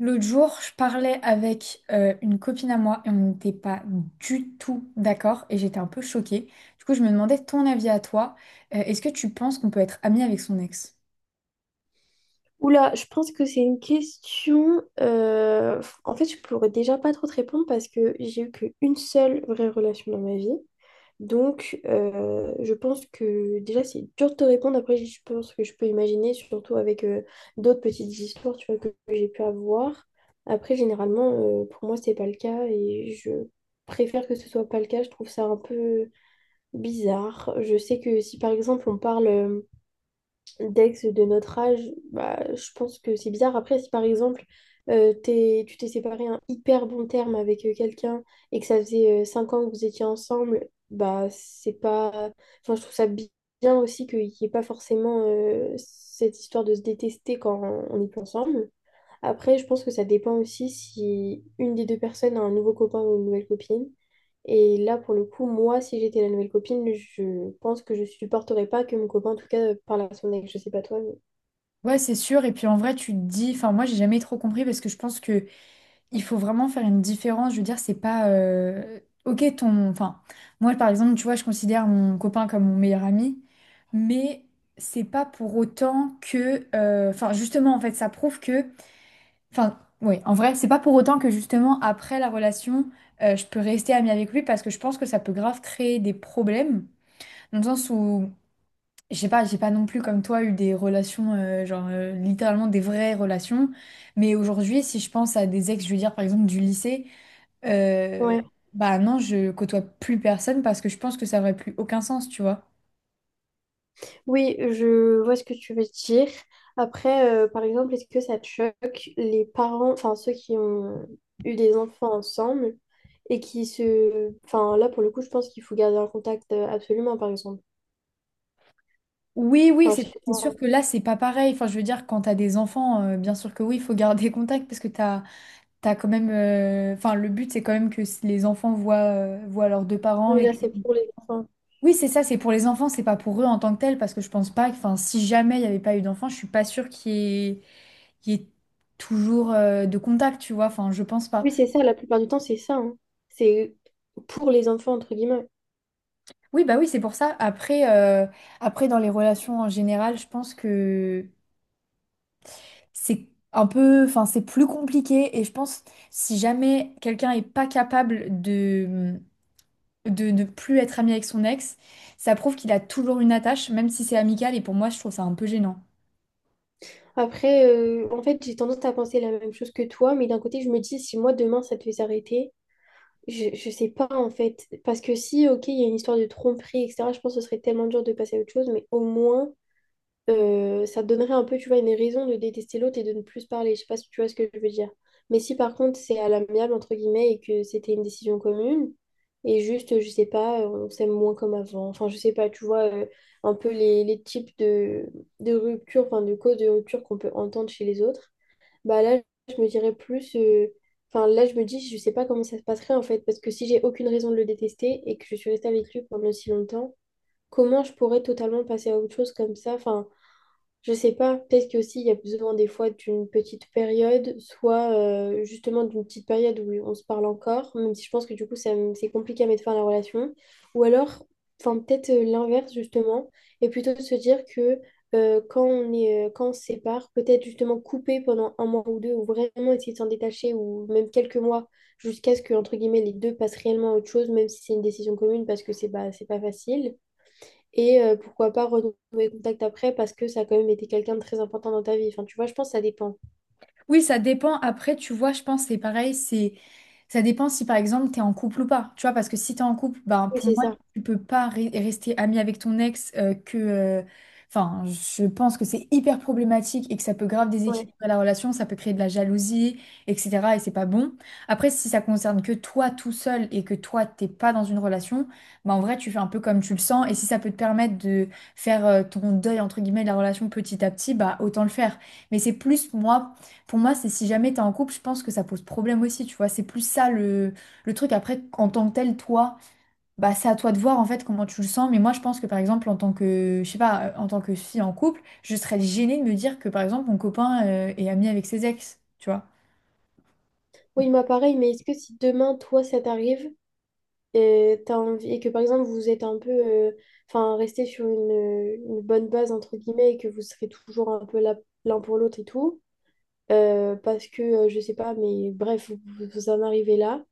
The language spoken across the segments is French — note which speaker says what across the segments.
Speaker 1: L'autre jour, je parlais avec une copine à moi et on n'était pas du tout d'accord et j'étais un peu choquée. Du coup, je me demandais ton avis à toi. Est-ce que tu penses qu'on peut être ami avec son ex?
Speaker 2: Oula, je pense que c'est une question. En fait, je pourrais déjà pas trop te répondre parce que j'ai eu qu'une seule vraie relation dans ma vie. Donc, je pense que déjà, c'est dur de te répondre. Après, je pense que je peux imaginer, surtout avec d'autres petites histoires, tu vois, que j'ai pu avoir. Après, généralement, pour moi, c'est pas le cas et je préfère que ce soit pas le cas. Je trouve ça un peu bizarre. Je sais que si, par exemple, on parle, d'ex de notre âge, bah, je pense que c'est bizarre. Après, si par exemple, tu t'es séparé un hyper bon terme avec quelqu'un et que ça faisait 5 ans que vous étiez ensemble, bah c'est pas... Enfin, je trouve ça bien aussi qu'il n'y ait pas forcément cette histoire de se détester quand on n'est plus ensemble. Après, je pense que ça dépend aussi si une des deux personnes a un nouveau copain ou une nouvelle copine. Et là, pour le coup, moi, si j'étais la nouvelle copine, je pense que je supporterais pas que mon copain, en tout cas, parle à son ex. Je sais pas toi, mais...
Speaker 1: Ouais, c'est sûr. Et puis en vrai, tu te dis, enfin moi, j'ai jamais trop compris parce que je pense que il faut vraiment faire une différence. Je veux dire, c'est pas ok ton... Enfin, moi par exemple, tu vois, je considère mon copain comme mon meilleur ami, mais c'est pas pour autant que... Enfin, justement, en fait, ça prouve que... Enfin, oui, en vrai, c'est pas pour autant que justement après la relation, je peux rester amie avec lui parce que je pense que ça peut grave créer des problèmes. Dans le sens où, je sais pas, j'ai pas non plus comme toi eu des relations, genre littéralement des vraies relations. Mais aujourd'hui, si je pense à des ex, je veux dire par exemple du lycée, euh,
Speaker 2: Ouais.
Speaker 1: bah non, je côtoie plus personne parce que je pense que ça aurait plus aucun sens, tu vois.
Speaker 2: Oui, je vois ce que tu veux dire. Après, par exemple, est-ce que ça te choque les parents, enfin ceux qui ont eu des enfants ensemble et qui se... Enfin, là, pour le coup, je pense qu'il faut garder un contact absolument, par exemple.
Speaker 1: Oui, oui,
Speaker 2: Enfin, je sais
Speaker 1: c'est
Speaker 2: pas.
Speaker 1: sûr que là, c'est pas pareil. Enfin, je veux dire, quand t'as des enfants, bien sûr que oui, il faut garder contact parce que t'as t'as quand même, enfin, le but, c'est quand même que si les enfants voient, voient leurs deux parents
Speaker 2: Mais
Speaker 1: et
Speaker 2: là,
Speaker 1: que...
Speaker 2: c'est pour les enfants.
Speaker 1: Oui, c'est ça, c'est pour les enfants, c'est pas pour eux en tant que tels, parce que je pense pas que, enfin, si jamais il n'y avait pas eu d'enfants, je suis pas sûre qu'il y ait toujours de contact, tu vois, enfin, je pense pas.
Speaker 2: Oui, c'est ça, la plupart du temps, c'est ça, hein. C'est pour les enfants, entre guillemets.
Speaker 1: Oui, bah oui, c'est pour ça. Après, après, dans les relations en général, je pense que c'est un peu, enfin, c'est plus compliqué, et je pense, si jamais quelqu'un est pas capable de ne plus être ami avec son ex, ça prouve qu'il a toujours une attache, même si c'est amical, et pour moi, je trouve ça un peu gênant.
Speaker 2: Après, en fait, j'ai tendance à penser la même chose que toi, mais d'un côté, je me dis, si moi, demain, ça devait s'arrêter, je sais pas, en fait. Parce que si, ok, il y a une histoire de tromperie, etc., je pense que ce serait tellement dur de passer à autre chose, mais au moins, ça te donnerait un peu, tu vois, une raison de détester l'autre et de ne plus se parler. Je sais pas si tu vois ce que je veux dire. Mais si par contre c'est à l'amiable, entre guillemets, et que c'était une décision commune, et juste, je sais pas, on s'aime moins comme avant. Enfin, je sais pas, tu vois, un peu les types de rupture, enfin, de causes de rupture qu'on peut entendre chez les autres, bah là, je me dirais plus. Enfin, là, je me dis, je sais pas comment ça se passerait en fait, parce que si j'ai aucune raison de le détester et que je suis restée avec lui pendant si longtemps, comment je pourrais totalement passer à autre chose comme ça? Enfin, je sais pas, peut-être qu'aussi il y a besoin des fois d'une petite période, soit justement d'une petite période où on se parle encore, même si je pense que du coup c'est compliqué à mettre fin à la relation, ou alors, enfin peut-être l'inverse justement, et plutôt de se dire que quand on est, quand on se sépare, peut-être justement couper pendant un mois ou deux, ou vraiment essayer de s'en détacher, ou même quelques mois, jusqu'à ce que, entre guillemets, les deux passent réellement à autre chose, même si c'est une décision commune, parce que c'est pas facile. Et pourquoi pas renouer contact après parce que ça a quand même été quelqu'un de très important dans ta vie. Enfin, tu vois, je pense que ça dépend.
Speaker 1: Oui, ça dépend. Après, tu vois, je pense que c'est pareil, c'est ça dépend si par exemple t'es en couple ou pas. Tu vois, parce que si t'es en couple, ben
Speaker 2: Oui,
Speaker 1: pour
Speaker 2: c'est
Speaker 1: moi,
Speaker 2: ça.
Speaker 1: tu peux pas rester ami avec ton ex que enfin, je pense que c'est hyper problématique et que ça peut grave
Speaker 2: Ouais.
Speaker 1: déséquilibrer la relation, ça peut créer de la jalousie, etc. Et c'est pas bon. Après, si ça concerne que toi tout seul et que toi t'es pas dans une relation, ben en vrai, tu fais un peu comme tu le sens et si ça peut te permettre de faire ton deuil entre guillemets de la relation petit à petit, bah autant le faire. Mais c'est plus moi pour moi, c'est si jamais t'es en couple, je pense que ça pose problème aussi, tu vois. C'est plus ça le truc. Après, en tant que tel, toi, bah, c'est à toi de voir en fait comment tu le sens. Mais moi, je pense que par exemple, en tant que, je sais pas, en tant que fille en couple, je serais gênée de me dire que par exemple, mon copain est ami avec ses ex, tu vois.
Speaker 2: Oui, moi pareil, mais est-ce que si demain, toi, ça t'arrive et, t'as envie, et que par exemple, vous êtes un peu, enfin, resté sur une bonne base, entre guillemets, et que vous serez toujours un peu là l'un pour l'autre et tout, parce que, je sais pas, mais bref, vous, vous en arrivez là.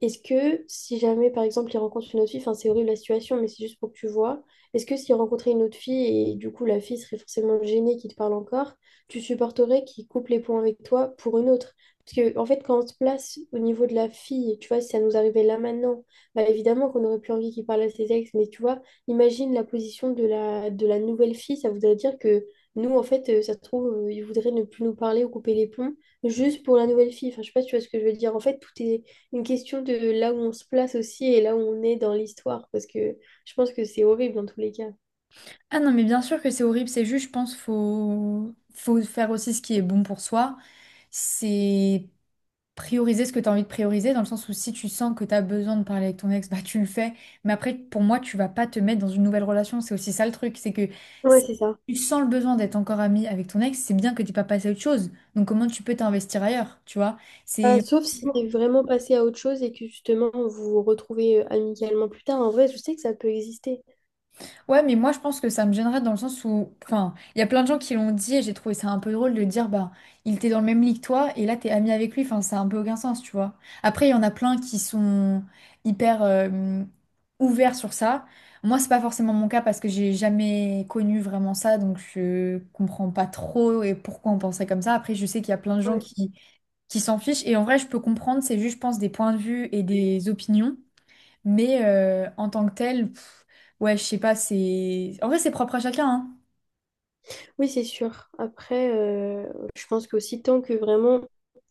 Speaker 2: Est-ce que si jamais, par exemple, il rencontre une autre fille, enfin, c'est horrible la situation, mais c'est juste pour que tu vois, est-ce que s'il rencontrait une autre fille et du coup la fille serait forcément gênée qu'il te parle encore, tu supporterais qu'il coupe les ponts avec toi pour une autre? Parce que, en fait, quand on se place au niveau de la fille, tu vois, si ça nous arrivait là maintenant, bah évidemment qu'on aurait plus envie qu'il parle à ses ex, mais tu vois, imagine la position de la nouvelle fille, ça voudrait dire que nous, en fait, ça se trouve, il voudrait ne plus nous parler ou couper les ponts juste pour la nouvelle fille. Enfin, je sais pas si tu vois ce que je veux dire. En fait, tout est une question de là où on se place aussi et là où on est dans l'histoire, parce que je pense que c'est horrible dans tous les cas.
Speaker 1: Ah non, mais bien sûr que c'est horrible, c'est juste, je pense, faut, faut faire aussi ce qui est bon pour soi. C'est prioriser ce que tu as envie de prioriser, dans le sens où si tu sens que tu as besoin de parler avec ton ex, bah tu le fais. Mais après, pour moi, tu vas pas te mettre dans une nouvelle relation. C'est aussi ça le truc, c'est que
Speaker 2: Ouais,
Speaker 1: si
Speaker 2: c'est ça.
Speaker 1: tu sens le besoin d'être encore ami avec ton ex, c'est bien que tu pas passé à autre chose. Donc comment tu peux t'investir ailleurs, tu vois?
Speaker 2: Euh,
Speaker 1: C'est...
Speaker 2: sauf si t'es vraiment passé à autre chose et que justement vous vous retrouvez amicalement plus tard. En vrai, je sais que ça peut exister.
Speaker 1: Ouais, mais moi je pense que ça me gênerait dans le sens où, enfin, il y a plein de gens qui l'ont dit et j'ai trouvé ça un peu drôle de dire, bah, il était dans le même lit que toi et là t'es ami avec lui, enfin, ça a un peu aucun sens, tu vois. Après, il y en a plein qui sont hyper ouverts sur ça. Moi, c'est pas forcément mon cas parce que j'ai jamais connu vraiment ça, donc je comprends pas trop et pourquoi on pensait comme ça. Après, je sais qu'il y a plein de gens
Speaker 2: Ouais.
Speaker 1: qui s'en fichent et en vrai, je peux comprendre, c'est juste, je pense, des points de vue et des opinions. Mais en tant que tel, ouais, je sais pas, c'est... En vrai, c'est propre à chacun, hein.
Speaker 2: Oui, c'est sûr. Après, je pense qu'aussi tant que vraiment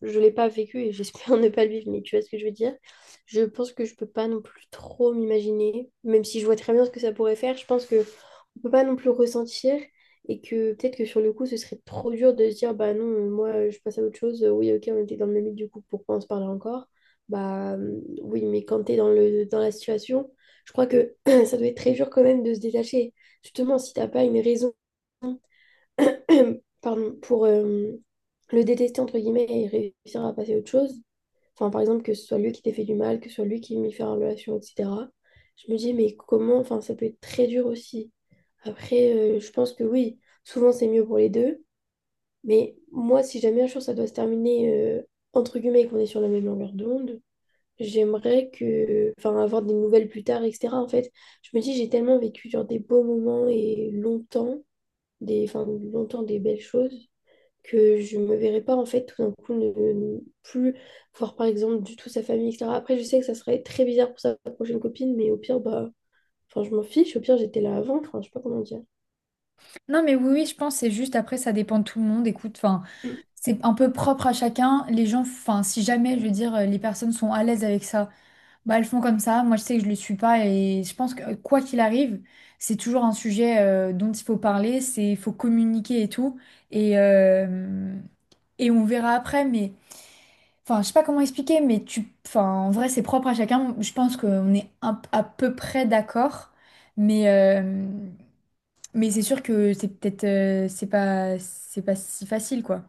Speaker 2: je l'ai pas vécu et j'espère ne pas le vivre, mais tu vois ce que je veux dire, je pense que je peux pas non plus trop m'imaginer, même si je vois très bien ce que ça pourrait faire, je pense que on peut pas non plus ressentir et que peut-être que sur le coup, ce serait trop dur de se dire, bah non, moi je passe à autre chose, oui, ok, on était dans le même lit, du coup, pourquoi on se parlait encore? Bah oui, mais quand t'es dans la situation, je crois que ça doit être très dur quand même de se détacher. Justement, si t'as pas une raison pardon, pour le détester, entre guillemets, et réussir à passer à autre chose. Enfin, par exemple, que ce soit lui qui t'ait fait du mal, que ce soit lui qui m'ait fait en relation, etc. Je me dis, mais comment, enfin, ça peut être très dur aussi. Après, je pense que oui, souvent c'est mieux pour les deux, mais moi, si jamais un jour ça doit se terminer, euh, entre guillemets, et qu'on est sur la même longueur d'onde, j'aimerais que, enfin, avoir des nouvelles plus tard, etc. En fait, je me dis, j'ai tellement vécu genre des beaux moments et longtemps, des, enfin, longtemps des belles choses que je me verrais pas en fait tout d'un coup ne plus voir par exemple du tout sa famille, etc. Après, je sais que ça serait très bizarre pour sa prochaine copine, mais au pire, bah, enfin, je m'en fiche, au pire, j'étais là avant, enfin, je sais pas comment dire.
Speaker 1: Non, mais oui, oui, je pense, c'est juste, après, ça dépend de tout le monde, écoute, enfin, c'est un peu propre à chacun, les gens, enfin, si jamais, je veux dire, les personnes sont à l'aise avec ça. Bah, elles font comme ça. Moi, je sais que je le suis pas et je pense que quoi qu'il arrive, c'est toujours un sujet dont il faut parler, c'est il faut communiquer et tout. Et, euh, et on verra après, mais enfin, je sais pas comment expliquer, mais tu, enfin, en vrai, c'est propre à chacun. Je pense qu'on est à peu près d'accord, mais mais c'est sûr que c'est peut-être c'est pas si facile quoi.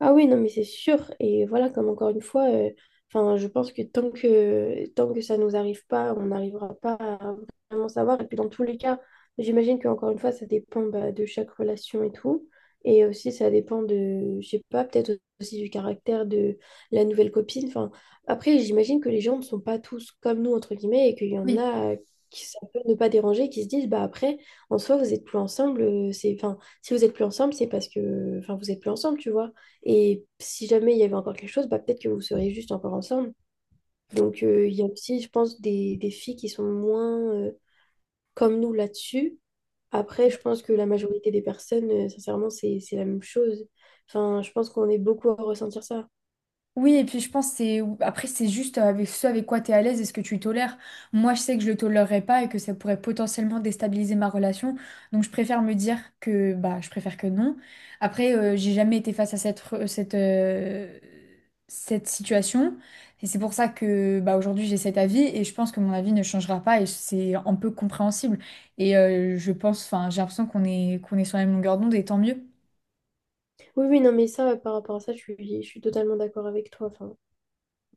Speaker 2: Ah oui, non, mais c'est sûr. Et voilà, comme encore une fois, enfin, je pense que tant que ça ne nous arrive pas, on n'arrivera pas à vraiment savoir. Et puis dans tous les cas, j'imagine qu'encore une fois, ça dépend bah, de chaque relation et tout. Et aussi, ça dépend de, je sais pas, peut-être aussi du caractère de la nouvelle copine. Enfin, après, j'imagine que les gens ne sont pas tous comme nous, entre guillemets, et qu'il y en
Speaker 1: Oui.
Speaker 2: a qui ça peut ne pas déranger, qui se disent, bah après, en soi, vous êtes plus ensemble. C'est, enfin, si vous êtes plus ensemble, c'est parce que, enfin, vous êtes plus ensemble, tu vois. Et si jamais il y avait encore quelque chose, bah, peut-être que vous seriez juste encore ensemble. Donc, il y a aussi, je pense, des filles qui sont moins comme nous là-dessus. Après, je pense que la majorité des personnes, sincèrement, c'est la même chose. Enfin, je pense qu'on est beaucoup à ressentir ça.
Speaker 1: Oui, et puis je pense que c'est après c'est juste avec ce avec quoi tu es à l'aise et ce que tu tolères. Moi, je sais que je le tolérerais pas et que ça pourrait potentiellement déstabiliser ma relation. Donc je préfère me dire que bah je préfère que non. Après j'ai jamais été face à cette cette situation et c'est pour ça que bah aujourd'hui j'ai cet avis et je pense que mon avis ne changera pas et c'est un peu compréhensible. Et je pense enfin j'ai l'impression qu'on est sur la même longueur d'onde et tant mieux.
Speaker 2: Oui, oui, non, mais ça, par rapport à ça, je suis totalement d'accord avec toi. Enfin,